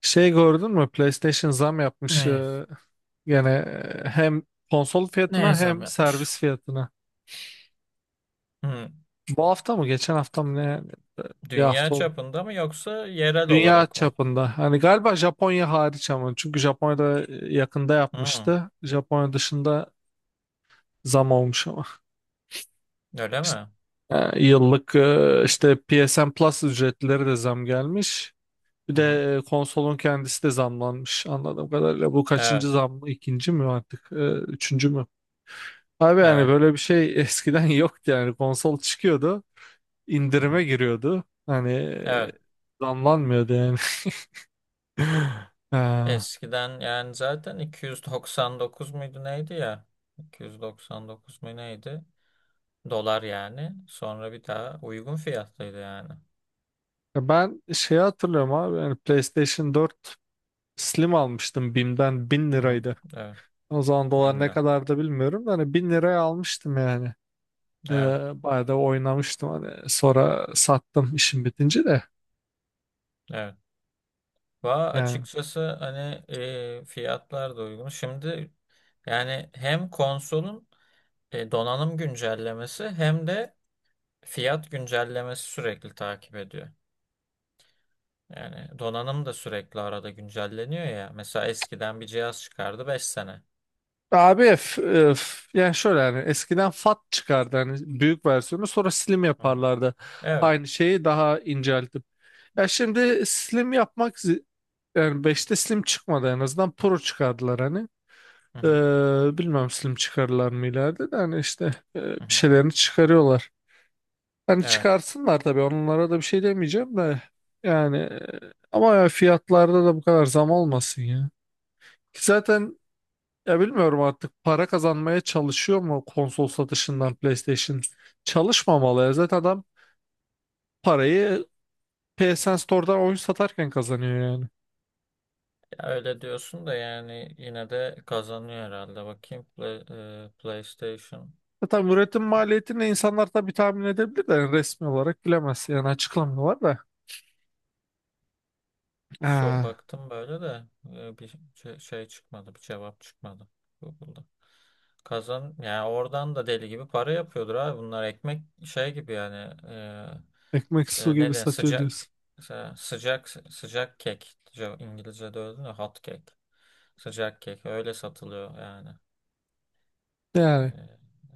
Şey gördün mü? PlayStation zam yapmış, Neye? Gene, hem konsol Neye fiyatına zam hem yapmış? servis fiyatına. Hı. Bu hafta mı? Geçen hafta mı? Ne? Bir Dünya hafta oldu. çapında mı yoksa yerel Dünya olarak mı? çapında. Hani galiba Japonya hariç ama. Çünkü Japonya'da yakında Hı. yapmıştı. Japonya dışında zam olmuş ama. Öyle İşte, mi? Yıllık işte PSN Plus ücretleri de zam gelmiş. Bir Hı hı. de konsolun kendisi de zamlanmış anladığım kadarıyla. Bu Evet. kaçıncı zam mı? İkinci mi artık? Üçüncü mü? Abi yani Evet. böyle bir şey eskiden yoktu yani konsol çıkıyordu, Hı hı. indirime giriyordu hani, Evet. zamlanmıyordu yani. Ya Eskiden yani zaten 299 muydu neydi ya? 299 mu neydi? Dolar yani. Sonra bir daha uygun fiyatlıydı yani. ben şeyi hatırlıyorum abi, yani PlayStation 4 Slim almıştım BİM'den, 1000 Hı hı. liraydı. Evet. O zaman dolar bin ne lira. kadardı bilmiyorum da hani 1000 liraya almıştım yani. Ee, Evet. bayağı da oynamıştım, hani sonra sattım işim bitince de Evet. Va yani. açıkçası hani fiyatlar da uygun. Şimdi yani hem konsolun donanım güncellemesi hem de fiyat güncellemesi sürekli takip ediyor. Yani donanım da sürekli arada güncelleniyor ya. Mesela eskiden bir cihaz çıkardı 5 sene. Abi yani şöyle, yani eskiden fat çıkardı hani, büyük versiyonu, sonra slim Hı hı. yaparlardı. Evet. Aynı şeyi daha inceltip. Ya şimdi slim yapmak yani beşte slim çıkmadı, en azından pro çıkardılar hani. Hı hı. Bilmem slim çıkarırlar mı ileride de, hani işte bir Hı hı. şeylerini çıkarıyorlar. Hani Evet. çıkarsınlar tabii, onlara da bir şey demeyeceğim de yani ama ya fiyatlarda da bu kadar zam olmasın ya. Ki zaten, ya bilmiyorum, artık para kazanmaya çalışıyor mu konsol satışından PlayStation? Çalışmamalı ya. Zaten adam parayı PSN Store'dan oyun satarken kazanıyor yani. Ya öyle diyorsun da yani yine de kazanıyor herhalde. Bakayım PlayStation. Zaten üretim maliyetini insanlar tabii tahmin edebilir de yani, resmi olarak bilemez. Yani açıklamıyorlar da. So Ha, baktım böyle de bir şey çıkmadı, bir cevap çıkmadı Google'da. Kazan yani oradan da deli gibi para yapıyordur abi. Bunlar ekmek şey gibi yani ekmek su ne gibi denir satıyor sıcak diyorsun. mesela sıcak sıcak kek İngilizce'de öyle değil mi? Hot cake. Sıcak kek öyle satılıyor yani. Yani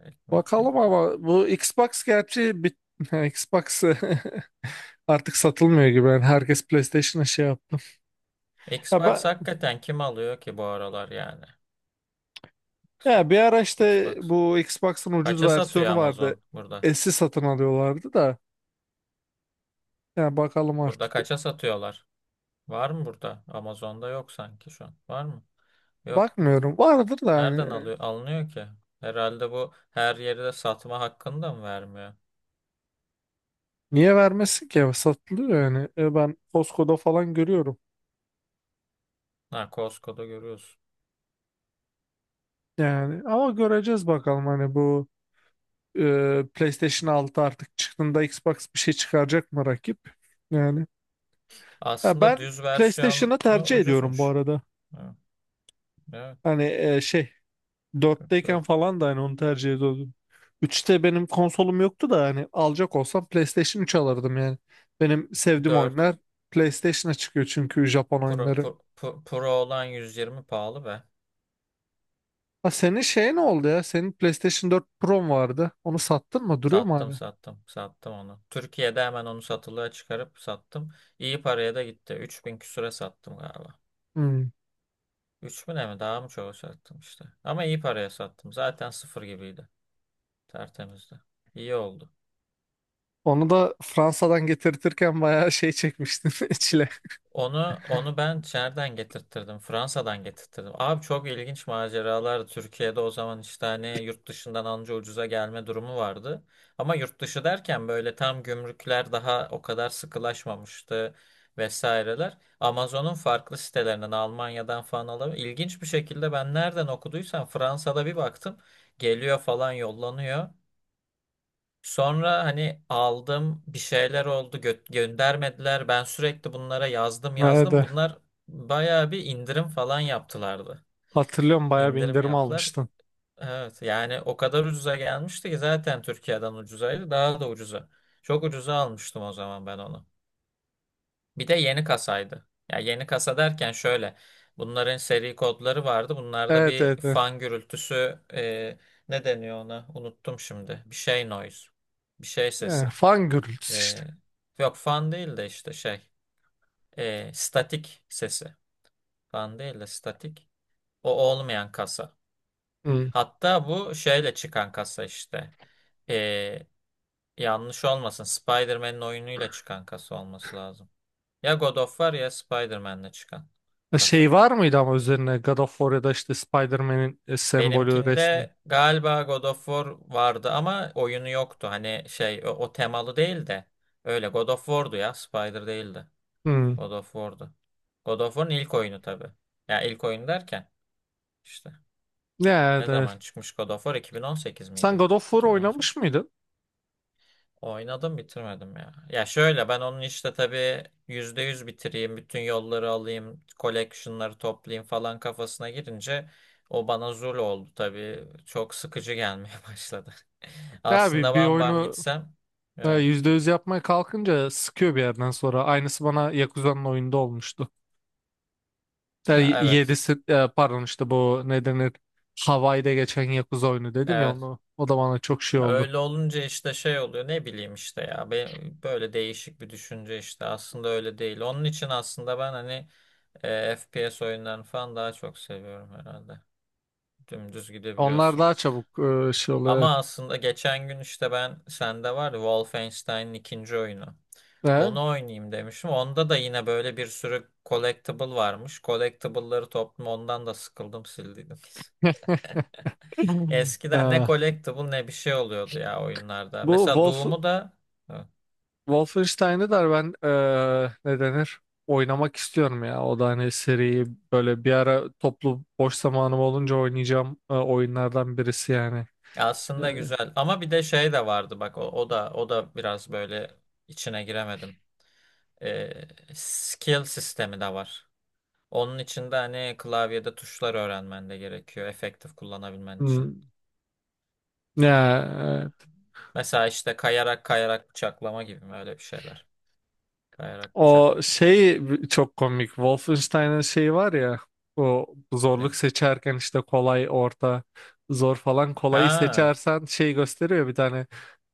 Ekmek, bakalım, ekmek. ama bu Xbox gerçi Xbox artık satılmıyor gibi. Yani herkes PlayStation'a şey yaptı. Ya Xbox ben hakikaten kim alıyor ki bu aralar yani? Ya bir Xbox. ara işte Xbox. bu Xbox'ın ucuz Kaça satıyor versiyonu vardı. Amazon burada? S'i satın alıyorlardı da. Yani bakalım Burada artık. kaça satıyorlar? Var mı burada? Amazon'da yok sanki şu an. Var mı? Yok. Bakmıyorum. Vardır da Nereden yani. alıyor, alınıyor ki? Herhalde bu her yerde satma hakkını da mı vermiyor? Niye vermesin ki? Satılıyor yani. Ben Costco'da falan görüyorum. Ha, Costco'da görüyoruz. Yani ama göreceğiz bakalım, hani bu PlayStation 6 artık çıktığında Xbox bir şey çıkaracak mı rakip? Yani. Ya Aslında ben düz versiyonu PlayStation'ı tercih ediyorum bu ucuzmuş. arada. Ha, evet, Hani şey, kırk dörtteyken dört. falan da hani onu tercih ediyordum. Üçte benim konsolum yoktu da, hani alacak olsam PlayStation 3 alırdım yani. Benim sevdiğim 4 oyunlar PlayStation'a çıkıyor çünkü Japon Pro, oyunları. Pro, Pro, Pro olan 120 pahalı be. Ha, senin şey ne oldu ya? Senin PlayStation 4 Pro'm vardı. Onu sattın mı? Duruyor mu Sattım hala? sattım sattım onu. Türkiye'de hemen onu satılığa çıkarıp sattım. İyi paraya da gitti. 3000 küsüre sattım galiba. Hmm. 3000'e mi daha mı çok sattım işte. Ama iyi paraya sattım. Zaten sıfır gibiydi. Tertemizdi. İyi oldu. Onu da Fransa'dan getirtirken bayağı şey çekmiştin, çile. Onu ben nereden getirttirdim? Fransa'dan getirttirdim. Abi çok ilginç maceralar. Türkiye'de o zaman işte hani yurt dışından anca ucuza gelme durumu vardı. Ama yurt dışı derken böyle tam gümrükler daha o kadar sıkılaşmamıştı vesaireler. Amazon'un farklı sitelerinden Almanya'dan falan alıp ilginç bir şekilde ben nereden okuduysam Fransa'da bir baktım. Geliyor falan yollanıyor. Sonra hani aldım bir şeyler oldu göndermediler. Ben sürekli bunlara yazdım Evet, yazdım. evet. Bunlar bayağı bir indirim falan yaptılardı. Hatırlıyorum, bayağı bir İndirim indirim yaptılar. almıştın. Evet yani o kadar ucuza gelmişti ki zaten Türkiye'den ucuzaydı daha da ucuza. Çok ucuza almıştım o zaman ben onu. Bir de yeni kasaydı. Ya yeni kasa derken şöyle bunların seri kodları vardı. Bunlarda Evet, bir evet, evet. fan gürültüsü ne deniyor ona? Unuttum şimdi. Bir şey noise. Bir şey sesi. Fangirls E, işte. Yok fan değil de işte şey. Statik sesi. Fan değil de statik. O olmayan kasa. Hmm. Hatta bu şeyle çıkan kasa işte. E, Yanlış olmasın. Spider-Man'in oyunuyla çıkan kasa olması lazım. Ya God of War ya Spider-Man'le çıkan Şey kasa. var mıydı ama üzerine, God of War ya da işte Spider-Man'in sembolü resmi? Benimkinde galiba God of War vardı ama oyunu yoktu. Hani şey o temalı değil de öyle God of War'du ya Spider değildi. Hmm. God of War'du. God of War'un ilk oyunu tabii. Ya ilk oyun derken işte Ya, ne evet. zaman çıkmış God of War 2018 Sen miydi? God of War 2018. oynamış mıydın? Oynadım bitirmedim ya. Ya şöyle ben onun işte tabii %100 bitireyim, bütün yolları alayım, collection'ları toplayayım falan kafasına girince o bana zul oldu tabii. Çok sıkıcı gelmeye başladı. Ya bir, Aslında bir bam bam oyunu gitsem. Evet. %100 yapmaya kalkınca sıkıyor bir yerden sonra. Aynısı bana Yakuza'nın oyunda olmuştu. Ya Yani evet. yedisi, pardon, işte bu ne denir, Hawaii'de geçen Yakuza oyunu dedim ya, Evet. onu. O da bana çok şey Ya oldu. öyle olunca işte şey oluyor ne bileyim işte ya böyle değişik bir düşünce işte aslında öyle değil. Onun için aslında ben hani FPS oyunlarını falan daha çok seviyorum herhalde. Dümdüz Onlar gidebiliyorsun. daha çabuk şey oluyor. Ama aslında geçen gün işte ben sende var ya Wolfenstein'in ikinci oyunu. Evet. Onu oynayayım demişim. Onda da yine böyle bir sürü collectible varmış. Collectible'ları toplum ondan da sıkıldım sildiydim. E? E, Eskiden ne collectible ne bir şey oluyordu ya oyunlarda. bu Mesela Doom'u da Wolfenstein'ı da ben ne denir? Oynamak istiyorum ya. O da hani seriyi böyle bir ara, toplu boş zamanım olunca oynayacağım oyunlardan birisi yani. aslında Eee, güzel ama bir de şey de vardı bak o da biraz böyle içine giremedim. Ee, Skill sistemi de var. Onun için de hani klavyede tuşlar öğrenmen de gerekiyor efektif kullanabilmen için. hmm, ya evet. Mesela işte kayarak kayarak bıçaklama gibi mi öyle bir şeyler. Kayarak bıçak O atma falan. şey çok komik. Wolfenstein'ın şeyi var ya. O zorluk Ne? seçerken işte kolay, orta, zor falan, kolayı Ha, seçersen şey gösteriyor bir tane,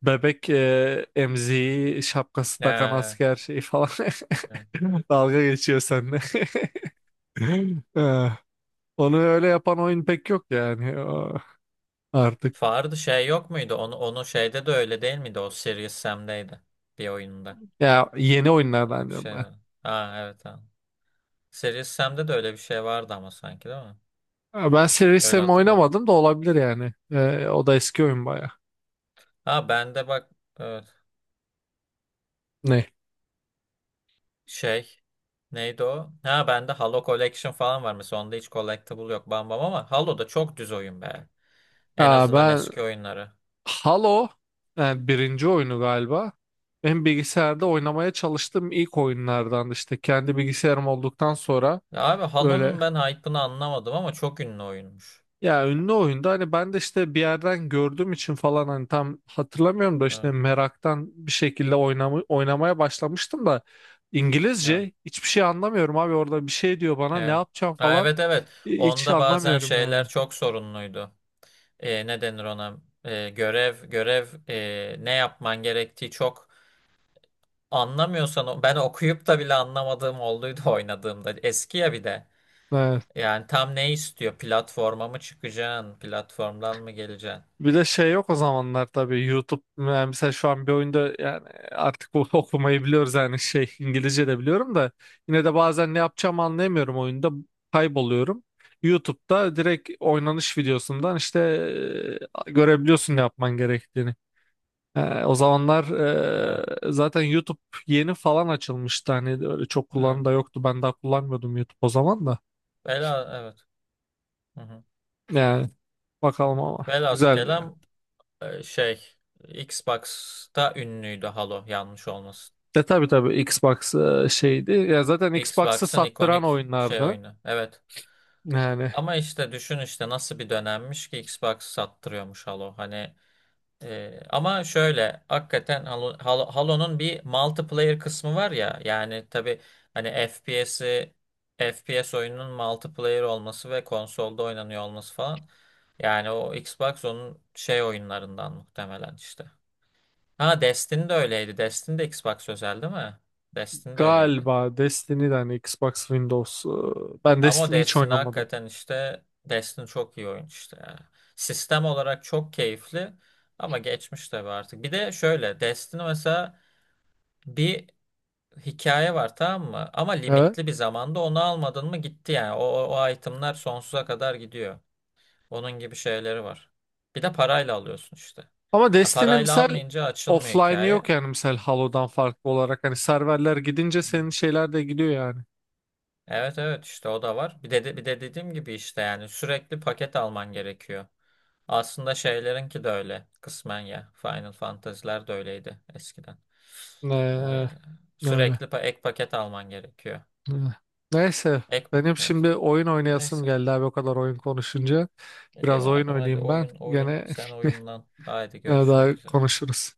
bebek emziği, şapkası takan ee, asker şeyi falan. e. Dalga geçiyor seninle. Eh, onu öyle yapan oyun pek yok yani artık. Fardı şey yok muydu? Onu şeyde de öyle değil miydi? O Serious Sam'deydi bir oyunda. Ya yeni Öyle oyunlardan bir diyorum şey ben. var. Ha evet ha. Series Sam'de de öyle bir şey vardı ama sanki değil mi? Ha, ben Serious Öyle Sam hatırlıyorum. oynamadım da, olabilir yani. Eh, o da eski oyun baya. Ha bende bak evet, Ne? şey neydi o? Ha bende Halo Collection falan var mesela onda hiç collectible yok bam bam ama Halo'da çok düz oyun be. En Ha, azından ben eski oyunları. Halo, yani birinci oyunu galiba. Benim bilgisayarda oynamaya çalıştığım ilk oyunlardan, işte kendi bilgisayarım olduktan sonra Ya abi böyle. Halo'nun ben hype'ını anlamadım ama çok ünlü oyunmuş. Ya ünlü oyunda hani, ben de işte bir yerden gördüğüm için falan, hani tam hatırlamıyorum da, işte Evet. meraktan bir şekilde oynamaya başlamıştım da Evet. İngilizce hiçbir şey anlamıyorum abi, orada bir şey diyor bana ne Evet. yapacağım Ha, falan, evet, evet. hiç Onda bazen anlamıyorum yani. şeyler çok sorunluydu. Ne denir ona? Görev görev ne yapman gerektiği çok. Anlamıyorsan ben okuyup da bile anlamadığım olduydu oynadığımda. Eski ya bir de. Yani tam ne istiyor? Platforma mı çıkacaksın? Platformdan mı geleceksin? Bir de şey yok o zamanlar tabii YouTube, yani mesela şu an bir oyunda, yani artık okumayı biliyoruz yani, şey, İngilizce de biliyorum da yine de bazen ne yapacağımı anlayamıyorum oyunda, kayboluyorum. YouTube'da direkt oynanış videosundan işte görebiliyorsun ne yapman gerektiğini. O zamanlar Evet. Zaten YouTube yeni falan açılmıştı, hani öyle çok kullanan Evet. da yoktu, ben daha kullanmıyordum YouTube o zaman da Vela, evet. Hı hı. yani. Bakalım Evet. ama, Velhasıl güzel. kelam şey Xbox'ta ünlüydü Halo yanlış olmasın. E tabii tabii, Xbox şeydi. Ya zaten Xbox'ı Xbox'ın sattıran ikonik şey oyunlardı. oyunu. Evet. Yani Ama işte düşün işte nasıl bir dönemmiş ki Xbox sattırıyormuş Halo. Hani. Ama şöyle hakikaten Halo'nun bir multiplayer kısmı var ya yani tabii hani FPS oyununun multiplayer olması ve konsolda oynanıyor olması falan yani o Xbox onun şey oyunlarından muhtemelen işte. Ha Destiny de öyleydi. Destiny de Xbox özel değil mi? Destiny de öyleydi. galiba Destiny'den hani, Xbox Windows. Ben Ama o Destiny hiç Destiny oynamadım. hakikaten işte Destiny çok iyi oyun işte ya. Sistem olarak çok keyifli ama geçmiş tabii artık. Bir de şöyle Destiny mesela bir hikaye var tamam mı? Ama Evet. limitli bir zamanda onu almadın mı gitti yani. O itemler sonsuza kadar gidiyor. Onun gibi şeyleri var. Bir de parayla alıyorsun işte. Ama Ya Destiny parayla misal almayınca açılmıyor offline'ı yok hikaye. yani, misal Halo'dan farklı olarak. Hani serverler gidince Evet, senin şeyler de gidiyor yani. evet, evet, işte o da var. Bir de dediğim gibi işte yani sürekli paket alman gerekiyor. Aslında şeylerinki de öyle kısmen ya. Final Fantasy'ler de öyleydi eskiden. Ee, Ne öyle. Sürekli ek paket alman gerekiyor. E. Neyse. Ek Benim evet. şimdi oyun oynayasım Neyse. geldi abi, o kadar oyun konuşunca. İyi Biraz oyun madem hadi oynayayım ben. oyun oyun. Gene, Sen oyunlan. Haydi gene daha görüşmek üzere. konuşuruz.